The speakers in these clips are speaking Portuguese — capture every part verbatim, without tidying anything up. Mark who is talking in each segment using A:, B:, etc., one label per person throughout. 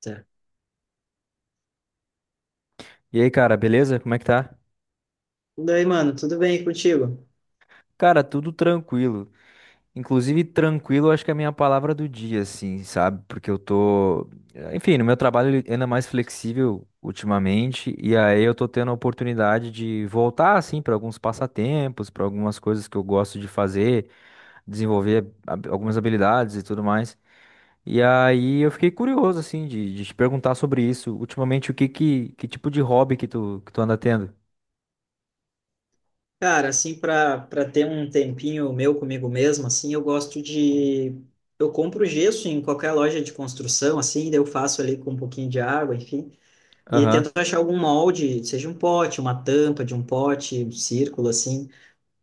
A: Tá.
B: E aí, cara, beleza? Como é que tá?
A: E daí, mano, tudo bem contigo?
B: Cara, tudo tranquilo. Inclusive, tranquilo, acho que é a minha palavra do dia, assim, sabe? Porque eu tô. Enfim, no meu trabalho ele ainda mais flexível ultimamente, e aí eu tô tendo a oportunidade de voltar, assim, para alguns passatempos, para algumas coisas que eu gosto de fazer, desenvolver hab- algumas habilidades e tudo mais. E aí eu fiquei curioso, assim, de, de te perguntar sobre isso. Ultimamente, o que, que, que tipo de hobby que tu, que tu anda tendo?
A: Cara, assim, para para ter um tempinho meu comigo mesmo, assim, eu gosto de. Eu compro gesso em qualquer loja de construção, assim, daí eu faço ali com um pouquinho de água, enfim, e
B: Aham,
A: tento achar algum molde, seja um pote, uma tampa de um pote, um círculo, assim.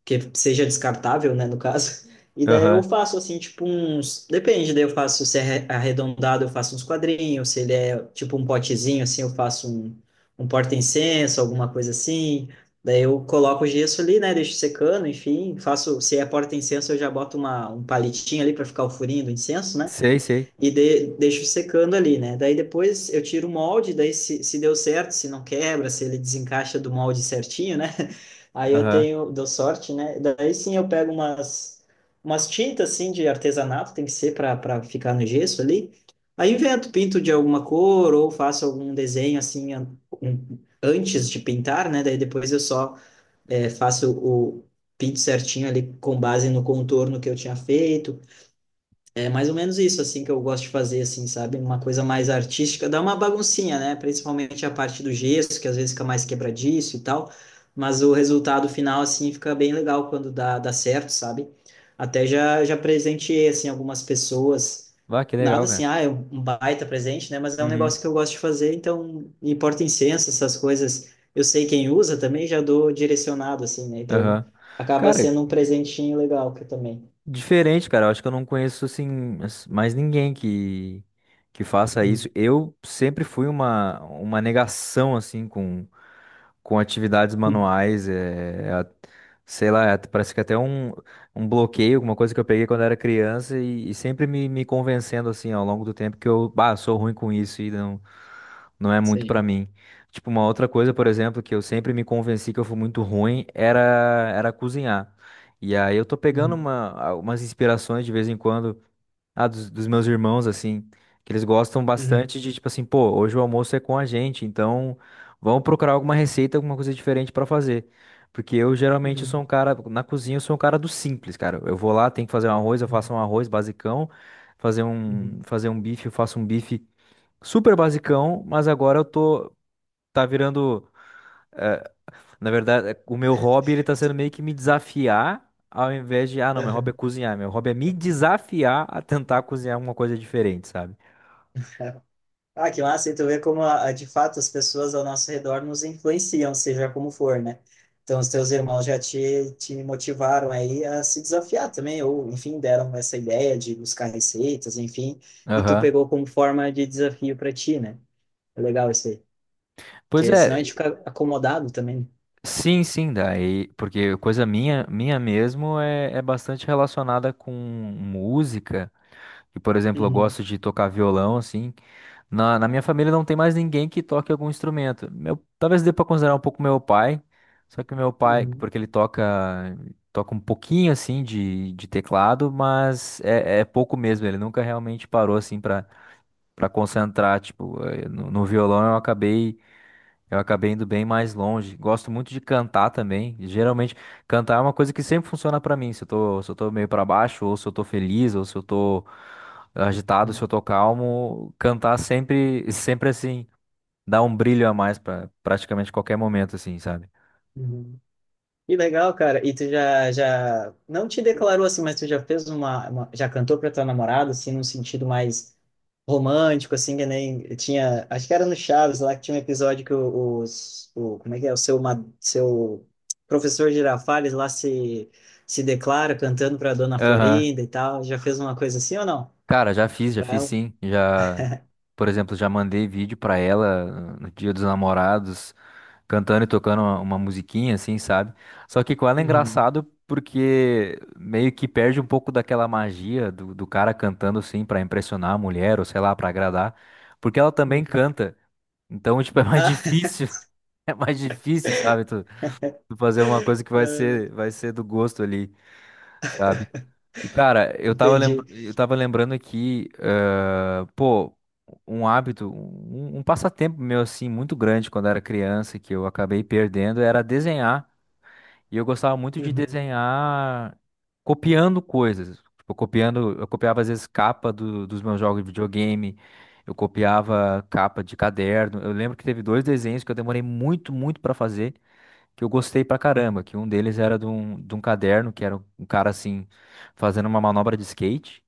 A: Que seja descartável, né, no caso. E daí eu
B: aham.
A: faço assim, tipo uns, depende, daí eu faço se é arredondado, eu faço uns quadrinhos, se ele é tipo um potezinho assim, eu faço um, um porta-incenso, alguma coisa assim. Daí eu coloco o gesso ali, né, deixo secando, enfim, faço, se é porta-incenso eu já boto uma, um palitinho ali para ficar o furinho do incenso, né?
B: Sei, sei.
A: E de, deixo secando ali, né? Daí depois eu tiro o molde, daí se, se deu certo, se não quebra, se ele desencaixa do molde certinho, né? Aí eu
B: Aham.
A: tenho, deu sorte, né? Daí sim eu pego umas, umas tintas assim de artesanato, tem que ser para ficar no gesso ali. Aí invento, pinto de alguma cor ou faço algum desenho assim an- um- antes de pintar, né? Daí depois eu só eh, faço o pinto certinho ali com base no contorno que eu tinha feito. É mais ou menos isso, assim, que eu gosto de fazer, assim, sabe? Uma coisa mais artística. Dá uma baguncinha, né? Principalmente a parte do gesso, que às vezes fica mais quebradiço e tal. Mas o resultado final, assim, fica bem legal quando dá, dá certo, sabe? Até já, já presenteei, assim, algumas pessoas.
B: Ah, que
A: Nada
B: legal, cara.
A: assim, ah, é um baita presente, né? Mas é um
B: Uhum.
A: negócio que eu gosto de fazer, então... E porta-incenso, essas coisas. Eu sei quem usa também, já dou direcionado, assim, né? Então,
B: Aham.
A: acaba
B: Cara,
A: sendo um presentinho legal que eu também.
B: diferente, cara. Eu acho que eu não conheço assim as- mais ninguém que que faça isso.
A: Hum.
B: Eu sempre fui uma uma negação assim com com atividades manuais, é, é a- Sei lá, at- parece que até um, um bloqueio, alguma coisa que eu peguei quando era criança e, e sempre me, me convencendo assim ao longo do tempo que eu, ah, sou ruim com isso e não não é muito pra
A: Sim.
B: mim. Tipo, uma outra coisa, por exemplo, que eu sempre me convenci que eu fui muito ruim era era cozinhar. E aí eu tô pegando
A: Uhum,
B: uma, algumas inspirações de vez em quando, ah, dos, dos meus irmãos, assim, que eles gostam
A: uhum,
B: bastante de, tipo assim, pô, hoje o almoço é com a gente, então vamos procurar alguma receita, alguma coisa diferente pra fazer. Porque eu geralmente sou
A: uhum,
B: um cara, na cozinha eu sou um cara do simples, cara. Eu vou lá, tenho que fazer um arroz, eu faço
A: uhum,
B: um arroz basicão, fazer um,
A: uhum.
B: fazer um bife, eu faço um bife super basicão, mas agora eu tô, tá virando. Na verdade, é- o meu hobby ele tá sendo meio que me desafiar ao invés de, ah, não, meu hobby é
A: Aham.
B: cozinhar. Meu hobby é me desafiar a tentar cozinhar uma coisa diferente, sabe?
A: Ah, que massa, e tu vê como, a, a, de fato, as pessoas ao nosso redor nos influenciam, seja como for, né? Então, os teus irmãos já te, te motivaram aí a se desafiar também, ou, enfim, deram essa ideia de buscar receitas, enfim, e tu
B: Aham.
A: pegou como forma de desafio para ti, né? É legal isso aí,
B: Pois
A: porque senão
B: é,
A: a gente fica acomodado também.
B: sim, sim, daí, porque coisa minha, minha mesmo é, é bastante relacionada com música. E, por exemplo, eu
A: Uhum,
B: gosto de tocar violão, assim. Na, na minha família não tem mais ninguém que toque algum instrumento. Meu, talvez dê para considerar um pouco meu pai, só que meu pai,
A: uhum,
B: porque ele toca, toca um pouquinho, assim, de, de teclado, mas é, é pouco mesmo. Ele nunca realmente parou, assim, para para concentrar. Tipo, eh, no, no violão eu acabei eu acabei indo bem mais longe. Gosto muito de cantar também. E geralmente, cantar é uma coisa que sempre funciona pra mim. Se eu tô, se eu tô meio pra baixo, ou se eu tô feliz, ou se eu tô agitado, se eu
A: uhum,
B: tô calmo, cantar sempre, sempre assim, dá um brilho a mais pra praticamente qualquer momento, assim, sabe?
A: uhum. Que legal, cara. E tu já, já não te declarou assim, mas tu já fez uma, uma- já cantou pra tua namorada assim num sentido mais romântico assim, que nem tinha, acho que era no Chaves lá que tinha um episódio que o, os- o como é que é, o seu ma- seu professor Girafales lá se se declara cantando pra Dona
B: Aham.
A: Florinda e tal. Já fez uma coisa assim ou não?
B: Cara, já fiz, já
A: Pra
B: fiz
A: ela?
B: sim. Já, por exemplo, já mandei vídeo pra ela uh, no Dia dos Namorados, cantando e tocando uma, uma musiquinha, assim, sabe? Só que com ela é
A: Uhum.
B: engraçado porque meio que perde um pouco daquela magia do, do cara cantando, assim, pra impressionar a mulher, ou sei lá, pra agradar. Porque ela também
A: Uhum.
B: canta. Então, tipo, é mais
A: Ah,
B: difícil, é mais difícil, sabe? Tu, tu fazer uma coisa que vai
A: ah,
B: ser, vai ser do gosto ali, sabe? E, cara, eu tava, lembra-
A: entendi.
B: eu tava lembrando aqui, eh, pô, um hábito, um, um passatempo meu, assim, muito grande quando era criança, que eu acabei perdendo, era desenhar. E eu gostava muito de
A: Uhum.
B: desenhar copiando coisas. Tipo, copiando, eu copiava às vezes capa do- dos meus jogos de videogame, eu copiava capa de caderno. Eu lembro que teve dois desenhos que eu demorei muito, muito pra fazer que eu gostei pra
A: Uhum.
B: caramba, que um deles era de um, de um caderno, que era um cara assim, fazendo uma manobra de skate,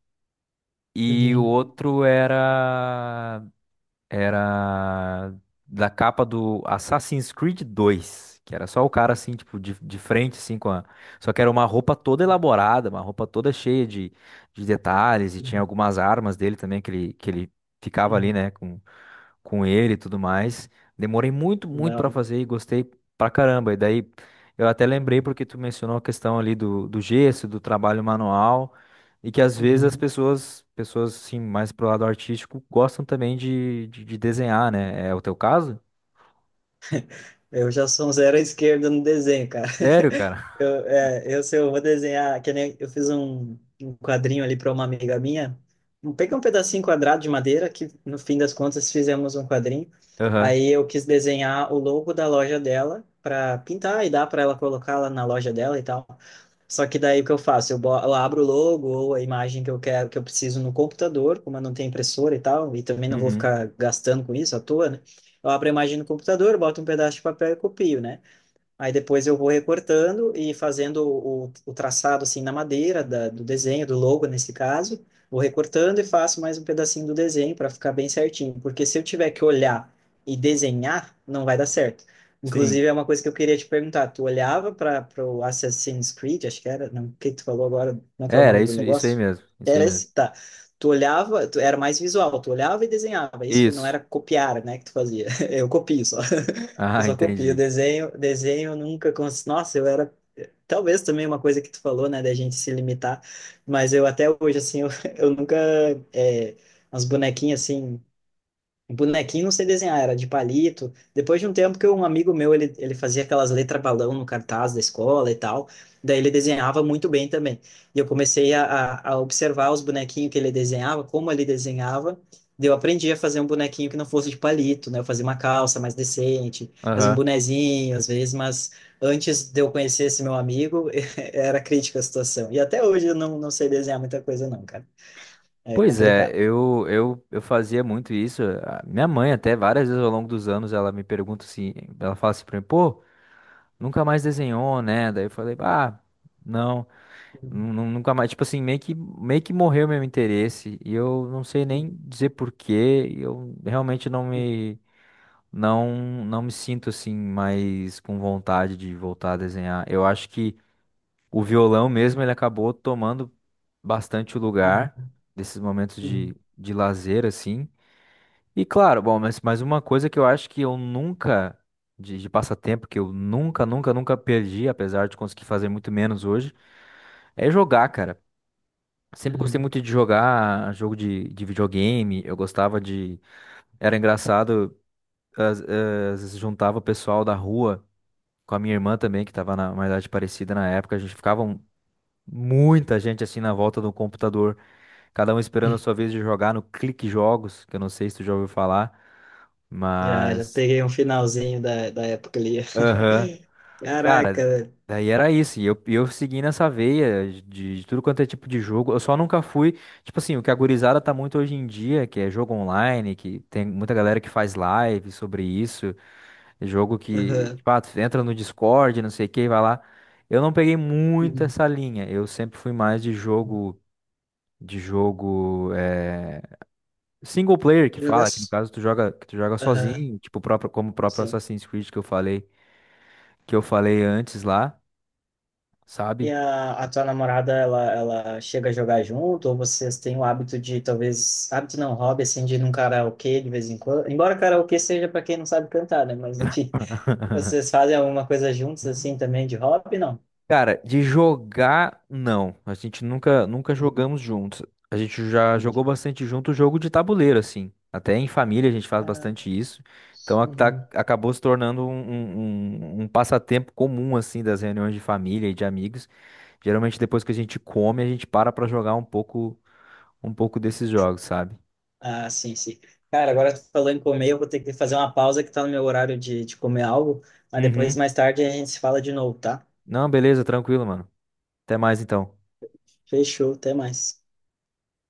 B: e o
A: Uhum.
B: outro era era da capa do Assassin's Creed dois, que era só o cara assim, tipo, de, de frente, assim, com a... Só que era uma roupa toda elaborada, uma roupa toda cheia de, de detalhes, e tinha
A: Uhum.
B: algumas armas dele também, que ele, que ele ficava ali,
A: Uhum.
B: né, com, com ele e tudo mais. Demorei muito, muito pra fazer e gostei pra caramba. E daí eu até lembrei
A: Uhum.
B: porque tu mencionou a questão ali do, do gesso, do trabalho manual. E que às vezes as
A: Uhum.
B: pessoas, pessoas assim, mais pro lado artístico, gostam também de, de, de desenhar, né? É o teu caso?
A: Eu já sou um zero à esquerda no desenho, cara.
B: Sério, cara?
A: Eu, é, eu, se eu vou desenhar, que nem eu fiz um, um quadrinho ali para uma amiga minha. Eu peguei um pedacinho quadrado de madeira, que no fim das contas fizemos um quadrinho.
B: Aham.
A: Aí eu quis desenhar o logo da loja dela para pintar e dar para ela colocar lá na loja dela e tal. Só que daí o que eu faço? Eu, bo- eu abro o logo ou a imagem que eu quero, que eu preciso no computador, como eu não tenho impressora e tal, e também não vou
B: Uhum.
A: ficar gastando com isso à toa, né? Eu abro a imagem no computador, boto um pedaço de papel e copio, né? Aí depois eu vou recortando e fazendo o, o traçado assim na madeira da, do desenho, do logo nesse caso. Vou recortando e faço mais um pedacinho do desenho para ficar bem certinho. Porque se eu tiver que olhar e desenhar, não vai dar certo.
B: Sim.
A: Inclusive, é uma coisa que eu queria te perguntar. Tu olhava para o Assassin's Creed, acho que era, não, o que que tu falou agora? Como é que
B: É,
A: é o
B: era
A: nome do
B: isso, isso aí
A: negócio?
B: mesmo. Isso aí
A: Era
B: mesmo.
A: esse? Tá. Tu olhava, tu, era mais visual, tu olhava e desenhava. Isso não
B: Isso.
A: era copiar, né, que tu fazia. Eu copio só. Eu
B: Ah,
A: só copio.
B: entendi.
A: Desenho, desenho eu nunca cons... Nossa, eu era. Talvez também uma coisa que tu falou, né, da gente se limitar, mas eu até hoje, assim, eu, eu nunca. É, umas bonequinhas, assim, o bonequinho não sei desenhar, era de palito. Depois de um tempo que um amigo meu, ele, ele fazia aquelas letras balão no cartaz da escola e tal, daí ele desenhava muito bem também. E eu comecei a, a, a observar os bonequinhos que ele desenhava, como ele desenhava, daí eu aprendi a fazer um bonequinho que não fosse de palito, né? Eu fazia uma calça mais decente, fazia um
B: Aham.
A: bonezinho às vezes, mas antes de eu conhecer esse meu amigo, era crítica a situação. E até hoje eu não, não sei desenhar muita coisa não, cara. É
B: Pois é,
A: complicado.
B: eu, eu, eu fazia muito isso. A minha mãe, até várias vezes ao longo dos anos, ela me pergunta assim, ela fala assim pra mim, pô, nunca mais desenhou, né? Daí eu falei, ah, não. Nu- nu- Nunca mais, tipo assim, meio que, meio que morreu meu interesse. E eu não sei
A: Uhum,
B: nem dizer porquê. Eu realmente não me, não, não me sinto assim mais com vontade de voltar a desenhar. Eu acho que o violão mesmo, ele acabou tomando bastante o
A: uhum,
B: lugar desses momentos de,
A: uhum,
B: de lazer, assim. E claro, bom, mas, mas uma coisa que eu acho que eu nunca, de, de passatempo, que eu nunca, nunca, nunca perdi, apesar de conseguir fazer muito menos hoje, é jogar, cara. Sempre gostei
A: uhum.
B: muito de jogar jogo de, de videogame. Eu gostava de. Era engraçado, às, às vezes juntava o pessoal da rua com a minha irmã também, que estava na uma idade parecida na época. A gente ficava um- Muita gente assim na volta do computador, cada um esperando a sua vez de jogar no Clique Jogos, que eu não sei se tu já ouviu falar,
A: Já, já
B: mas.
A: peguei um finalzinho da, da época ali.
B: Aham.
A: Caraca,
B: Cara,
A: velho.
B: daí era isso. E eu, e eu segui nessa veia de, de tudo quanto é tipo de jogo. Eu só nunca fui. Tipo assim, o que a gurizada tá muito hoje em dia, que é jogo online, que tem muita galera que faz live sobre isso. Jogo que,
A: Aham.
B: tipo, ah, tu entra no Discord, não sei o que, vai lá. Eu não peguei muito
A: Uhum.
B: essa linha. Eu sempre fui mais de jogo. De jogo eh, single player que
A: Jogar.
B: fala, que no
A: s-
B: caso tu joga, que tu joga
A: Aham,
B: sozinho, tipo, o próprio, como o próprio
A: sim.
B: Assassin's Creed que eu falei, que eu falei antes lá,
A: E
B: sabe?
A: a, a tua namorada, ela, ela chega a jogar junto? Ou vocês têm o hábito de, talvez, hábito não, hobby, assim, de ir num karaokê de vez em quando? Embora karaokê seja para quem não sabe cantar, né? Mas, enfim, vocês fazem alguma coisa juntos, assim, também de hobby? Não.
B: Cara, de jogar, não. A gente nunca, nunca jogamos
A: Uhum.
B: juntos. A gente já jogou
A: Entendi.
B: bastante junto jogo de tabuleiro, assim. Até em família a gente faz bastante
A: Ah,
B: isso. Então a- tá-
A: uhum.
B: Acabou se tornando um, um, um- um passatempo comum, assim, das reuniões de família e de amigos. Geralmente depois que a gente come, a gente para pra jogar um pouco, um pouco desses jogos, sabe?
A: Ah, sim, sim. Cara, agora tu falando em comer, eu vou ter que fazer uma pausa que tá no meu horário de, de comer algo, mas depois,
B: Uhum.
A: mais tarde, a gente se fala de novo, tá?
B: Não, beleza, tranquilo, mano. Até mais então.
A: Fechou, até mais.